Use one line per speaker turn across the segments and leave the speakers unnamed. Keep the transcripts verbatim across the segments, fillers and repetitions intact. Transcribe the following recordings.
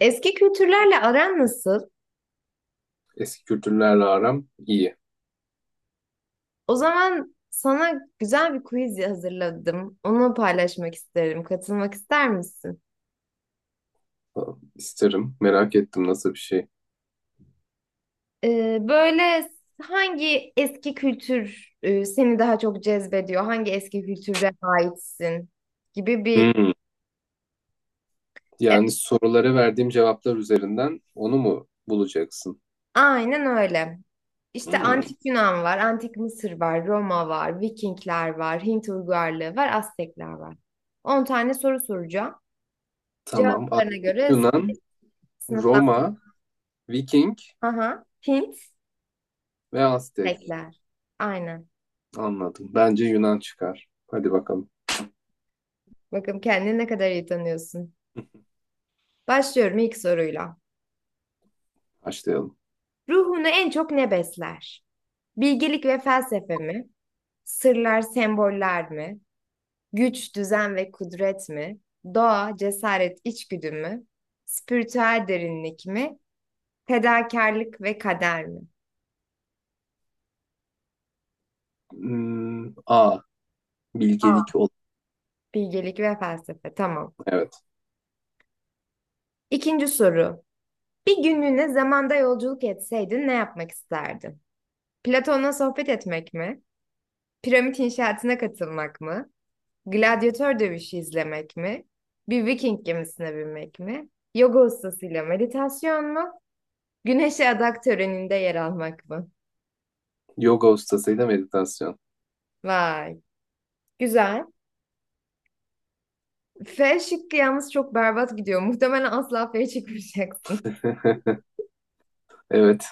Eski kültürlerle aran nasıl?
Eski kültürlerle aram iyi.
O zaman sana güzel bir quiz hazırladım. Onu paylaşmak isterim. Katılmak ister misin?
Falan. İsterim. Merak ettim nasıl bir şey.
Ee, böyle hangi eski kültür e, seni daha çok cezbediyor? Hangi eski kültüre aitsin? Gibi bir...
Hmm.
Evet,
Yani sorulara verdiğim cevaplar üzerinden onu mu bulacaksın?
aynen öyle. İşte
Hmm.
antik Yunan var, antik Mısır var, Roma var, Vikingler var, Hint uygarlığı var, Aztekler var. On tane soru soracağım.
Tamam.
Cevaplarına
Antik
göre
Yunan, Roma, Viking
sınıflandırma. Hint.
ve Aztek.
Bekler. Aynen.
Anladım. Bence Yunan çıkar. Hadi bakalım.
Bakın kendini ne kadar iyi tanıyorsun. Başlıyorum ilk soruyla.
Başlayalım.
Ruhunu en çok ne besler? Bilgelik ve felsefe mi? Sırlar, semboller mi? Güç, düzen ve kudret mi? Doğa, cesaret, içgüdü mü? Spiritüel derinlik mi? Fedakarlık ve kader mi?
Hmm. A. Bilgelik ol.
Bilgelik ve felsefe. Tamam.
Evet.
İkinci soru. Bir günlüğüne zamanda yolculuk etseydin ne yapmak isterdin? Platon'la sohbet etmek mi? Piramit inşaatına katılmak mı? Gladyatör dövüşü izlemek mi? Bir Viking gemisine binmek mi? Yoga ustasıyla meditasyon mu? Güneşe adak töreninde yer almak mı?
Yoga ustasıyla meditasyon.
Vay, güzel. F şıkkı yalnız çok berbat gidiyor. Muhtemelen asla F'ye çıkmayacaksın.
Evet.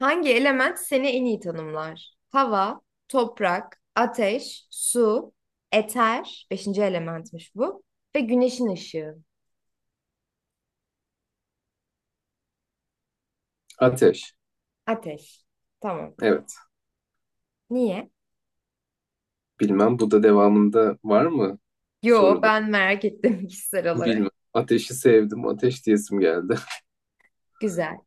Hangi element seni en iyi tanımlar? Hava, toprak, ateş, su, eter, beşinci elementmiş bu, ve güneşin ışığı,
Ateş.
ateş. Tamam.
Evet.
Niye?
Bilmem bu da devamında var mı
Yo
soruda?
ben merak ettim kişisel olarak.
Bilmem. Ateşi sevdim. Ateş diyesim geldi.
Güzel.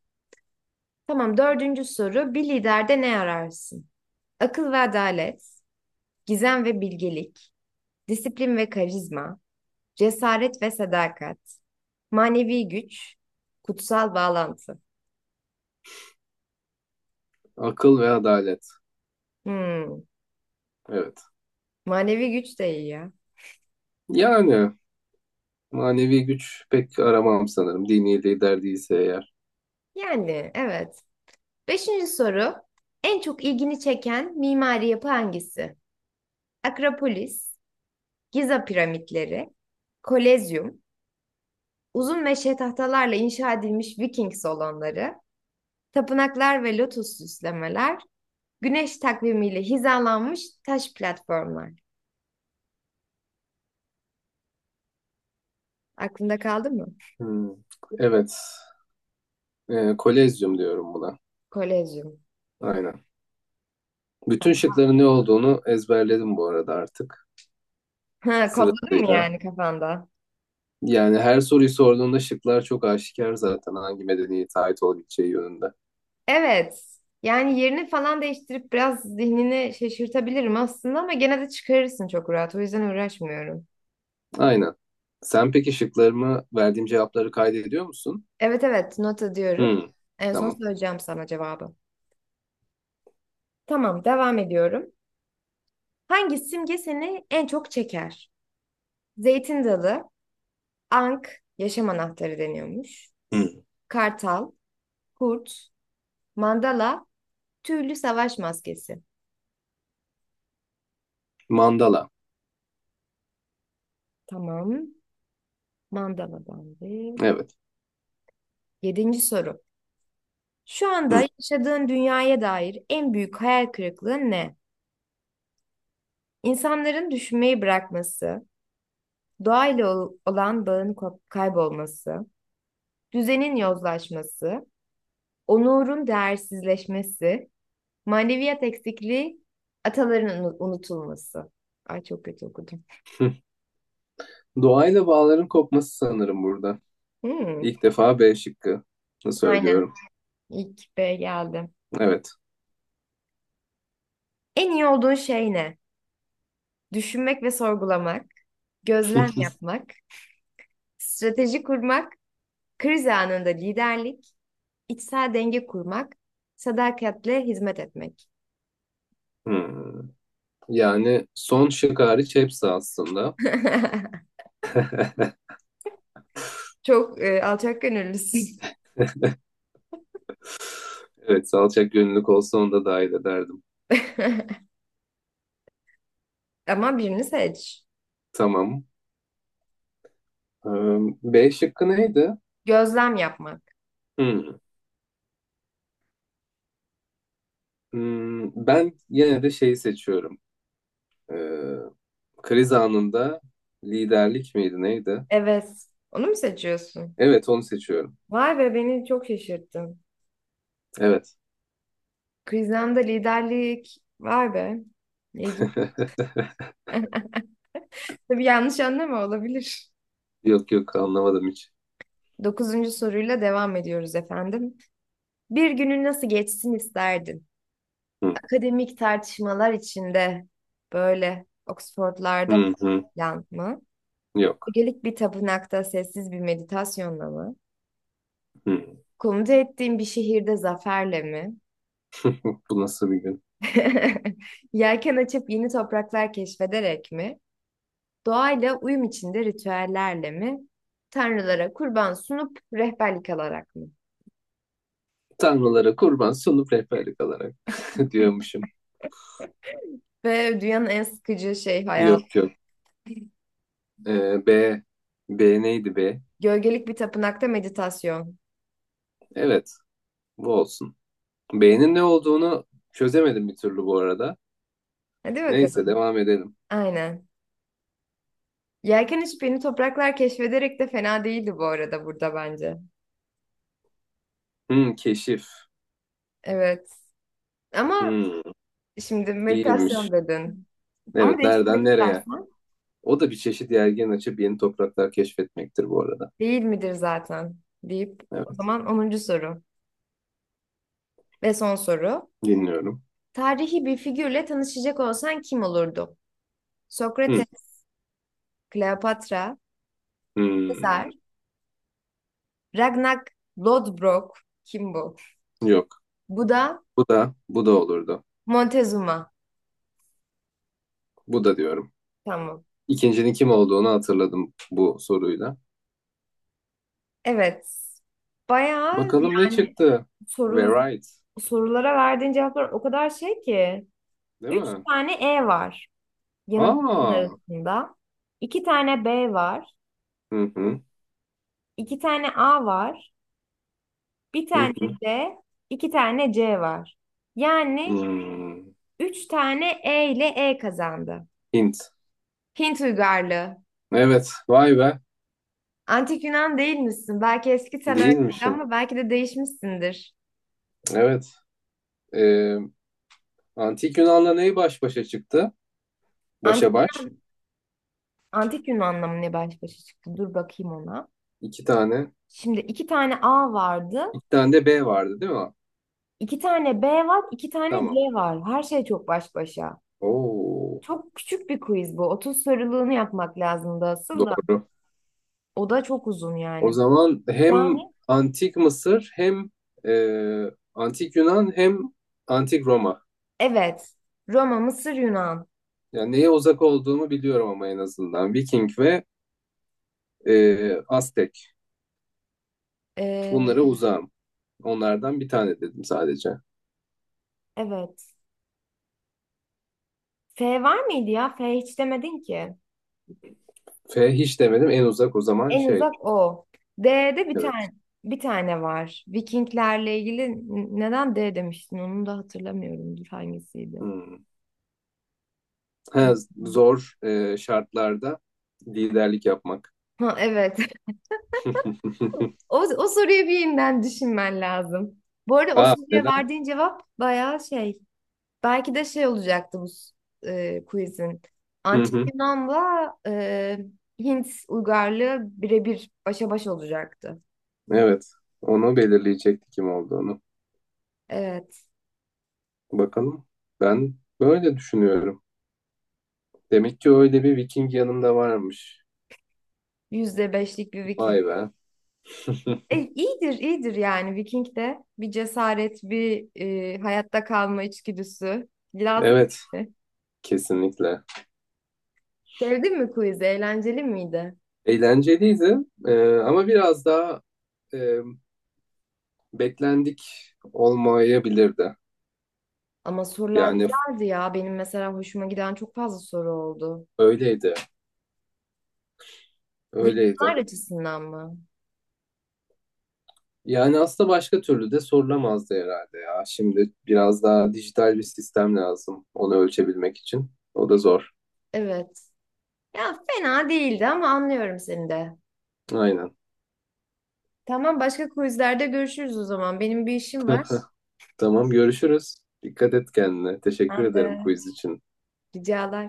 Tamam, dördüncü soru. Bir liderde ne ararsın? Akıl ve adalet, gizem ve bilgelik, disiplin ve karizma, cesaret ve sadakat, manevi güç, kutsal bağlantı.
Akıl ve adalet.
Hmm,
Evet.
manevi güç de iyi ya.
Yani manevi güç pek aramam sanırım. Dini lider değilse eğer.
Yani evet. Beşinci soru. En çok ilgini çeken mimari yapı hangisi? Akropolis, Giza piramitleri, Kolezyum, uzun meşe tahtalarla inşa edilmiş Viking salonları, tapınaklar ve lotus süslemeler, güneş takvimiyle hizalanmış taş platformlar. Aklında kaldı mı?
Hmm. Evet. Ee, kolezyum diyorum buna.
Kolezyum.
Aynen. Bütün şıkların ne olduğunu ezberledim bu arada artık.
Ha, kodladın mı
Sırasıyla.
yani kafanda?
Yani her soruyu sorduğunda şıklar çok aşikar zaten hangi medeniyete ait olabileceği yönünde.
Evet. Yani yerini falan değiştirip biraz zihnini şaşırtabilirim aslında ama gene de çıkarırsın çok rahat. O yüzden uğraşmıyorum.
Aynen. Sen peki şıklarımı verdiğim cevapları kaydediyor musun?
Evet, evet, nota diyorum.
Hmm,
En son
tamam.
söyleyeceğim sana cevabı. Tamam, devam ediyorum. Hangi simge seni en çok çeker? Zeytin dalı, Ank yaşam anahtarı deniyormuş.
Hı,
Kartal, kurt, mandala, tüylü savaş maskesi.
Mandala.
Tamam. Mandaladan bir.
Evet.
Yedinci soru. Şu anda
Hı.
yaşadığın dünyaya dair en büyük hayal kırıklığı ne? İnsanların düşünmeyi bırakması, doğayla ol- olan bağın ko- kaybolması, düzenin yozlaşması, onurun değersizleşmesi, maneviyat eksikliği, ataların unu- unutulması. Ay, çok kötü okudum.
Doğayla bağların kopması sanırım burada.
Hmm.
İlk defa B şıkkı
Aynen.
söylüyorum.
İlk B geldi.
Evet.
En iyi olduğun şey ne? Düşünmek ve sorgulamak, gözlem yapmak, strateji kurmak, kriz anında liderlik, içsel denge kurmak, sadakatle hizmet etmek.
Hmm. Yani son şık hariç hepsi aslında.
Çok e, alçak gönüllüsün.
Evet, salçak gönüllük olsa onu da dahil ederdim.
Ama birini seç.
Tamam. Ee, B şıkkı neydi?
Gözlem yapmak.
Hmm. Hmm, ben yine de şeyi seçiyorum. Ee, kriz anında liderlik miydi neydi?
Evet. Onu mu seçiyorsun?
Evet onu seçiyorum.
Vay be, beni çok şaşırttın.
Evet.
Kriz anında liderlik. Vay be. İlginç. Tabii yanlış anlama olabilir.
Yok yok anlamadım hiç.
Dokuzuncu soruyla devam ediyoruz efendim. Bir günün nasıl geçsin isterdin?
Hı,
Akademik tartışmalar içinde, böyle Oxford'larda
hı, hı.
falan mı?
Yok.
Gelik bir tapınakta sessiz bir meditasyonla mı?
Hı.
Komuta ettiğin bir şehirde zaferle mi?
Bu nasıl bir gün?
Yelken açıp yeni topraklar keşfederek mi? Doğayla uyum içinde ritüellerle mi? Tanrılara kurban sunup rehberlik alarak mı?
Tanrılara kurban sunup rehberlik alarak diyormuşum.
Ve dünyanın en sıkıcı şey
Yok
hayatı.
yok. Ee, B. B neydi B?
Gölgelik bir tapınakta meditasyon.
Evet bu olsun. B'nin ne olduğunu çözemedim bir türlü bu arada.
Hadi bakalım.
Neyse devam edelim.
Aynen. Yelken içi topraklar keşfederek de fena değildi bu arada, burada bence.
Hı, keşif.
Evet. Ama
Hı,
şimdi
iyiymiş.
meditasyon dedin. Ama
Evet,
değiştirmek
nereden nereye?
istersen
O da bir çeşit yelken açıp yeni topraklar keşfetmektir bu arada.
değil midir zaten deyip, o
Evet,
zaman onuncu soru ve son soru.
dinliyorum.
Tarihi bir figürle tanışacak olsan kim olurdu?
Hı,
Sokrates, Kleopatra, Sezar,
hmm,
Ragnar Lodbrok kim bu?
Yok.
Bu da
Bu da bu da olurdu.
Montezuma.
Bu da diyorum.
Tamam.
İkincinin kim olduğunu hatırladım bu soruyla.
Evet. Bayağı
Bakalım ne
yani
çıktı? Ve
soru,
right,
sorulara verdiğin cevaplar o kadar şey ki.
değil
Üç
mi?
tane E var yanıtların
Aa.
arasında. İki tane B var.
Hı hı.
İki tane A var. Bir
Hı
tane
hı.
D. iki tane C var. Yani
Hmm.
üç tane E ile E kazandı.
Hint.
Hint uygarlığı.
Evet, vay be.
Antik Yunan değil misin? Belki eski sen öyleydi
Değilmişim.
ama belki de değişmişsindir.
Evet. Ee, Antik Yunan'la neyi baş başa çıktı? Başa
Antik,
baş.
Antik Yunan'la mı ne baş başa çıktı? Dur bakayım ona.
İki tane.
Şimdi iki tane A vardı,
İki tane de B vardı değil mi?
iki tane B var, iki tane C
Tamam.
var. Her şey çok baş başa.
Oo,
Çok küçük bir quiz bu. Otuz soruluğunu yapmak lazımdı asıl da.
doğru.
O da çok uzun
O
yani.
zaman hem
Yani
Antik Mısır hem e, Antik Yunan hem Antik Roma.
evet. Roma, Mısır, Yunan.
Yani neye uzak olduğumu biliyorum ama en azından. Viking ve e, Aztek.
Ee,
Bunlara uzağım. Onlardan bir tane dedim sadece.
evet. F var mıydı ya? F hiç demedin ki.
F hiç demedim. En uzak o zaman
En
şey.
uzak o. D'de bir
Evet.
tane bir tane var. Vikinglerle ilgili n- neden D demiştin? Onu da hatırlamıyorum. Dur, hangisiydi?
Hmm. Ha, zor e, şartlarda liderlik yapmak.
Ha evet. O, o soruyu bir yeniden düşünmen lazım. Bu arada o
Aa
soruya
neden?
verdiğin cevap bayağı şey. Belki de şey olacaktı bu s- e, quizin. Antik Yunan'la e, Hint uygarlığı birebir başa baş olacaktı.
Evet, onu belirleyecekti kim olduğunu.
Evet.
Bakalım. Ben böyle düşünüyorum. Demek ki öyle bir Viking yanımda varmış.
Yüzde beşlik bir Viking.
Vay be.
E, iyidir, iyidir yani Viking de. Bir cesaret, bir e, hayatta kalma içgüdüsü. Lazım
Evet,
mı?
kesinlikle.
Sevdin mi quiz'i? Eğlenceli miydi?
Eğlenceliydi, Ee, ama biraz daha e, beklendik olmayabilirdi.
Ama sorular
Yani
güzeldi ya. Benim mesela hoşuma giden çok fazla soru oldu.
öyleydi,
Yanıtlar
öyleydi.
açısından mı?
Yani aslında başka türlü de sorulamazdı herhalde ya. Şimdi biraz daha dijital bir sistem lazım onu ölçebilmek için. O da zor.
Evet. Ya, fena değildi ama anlıyorum seni de.
Aynen.
Tamam, başka quizlerde görüşürüz o zaman. Benim bir işim var.
Tamam görüşürüz. Dikkat et kendine. Teşekkür
Ben de
ederim quiz için.
ricalar.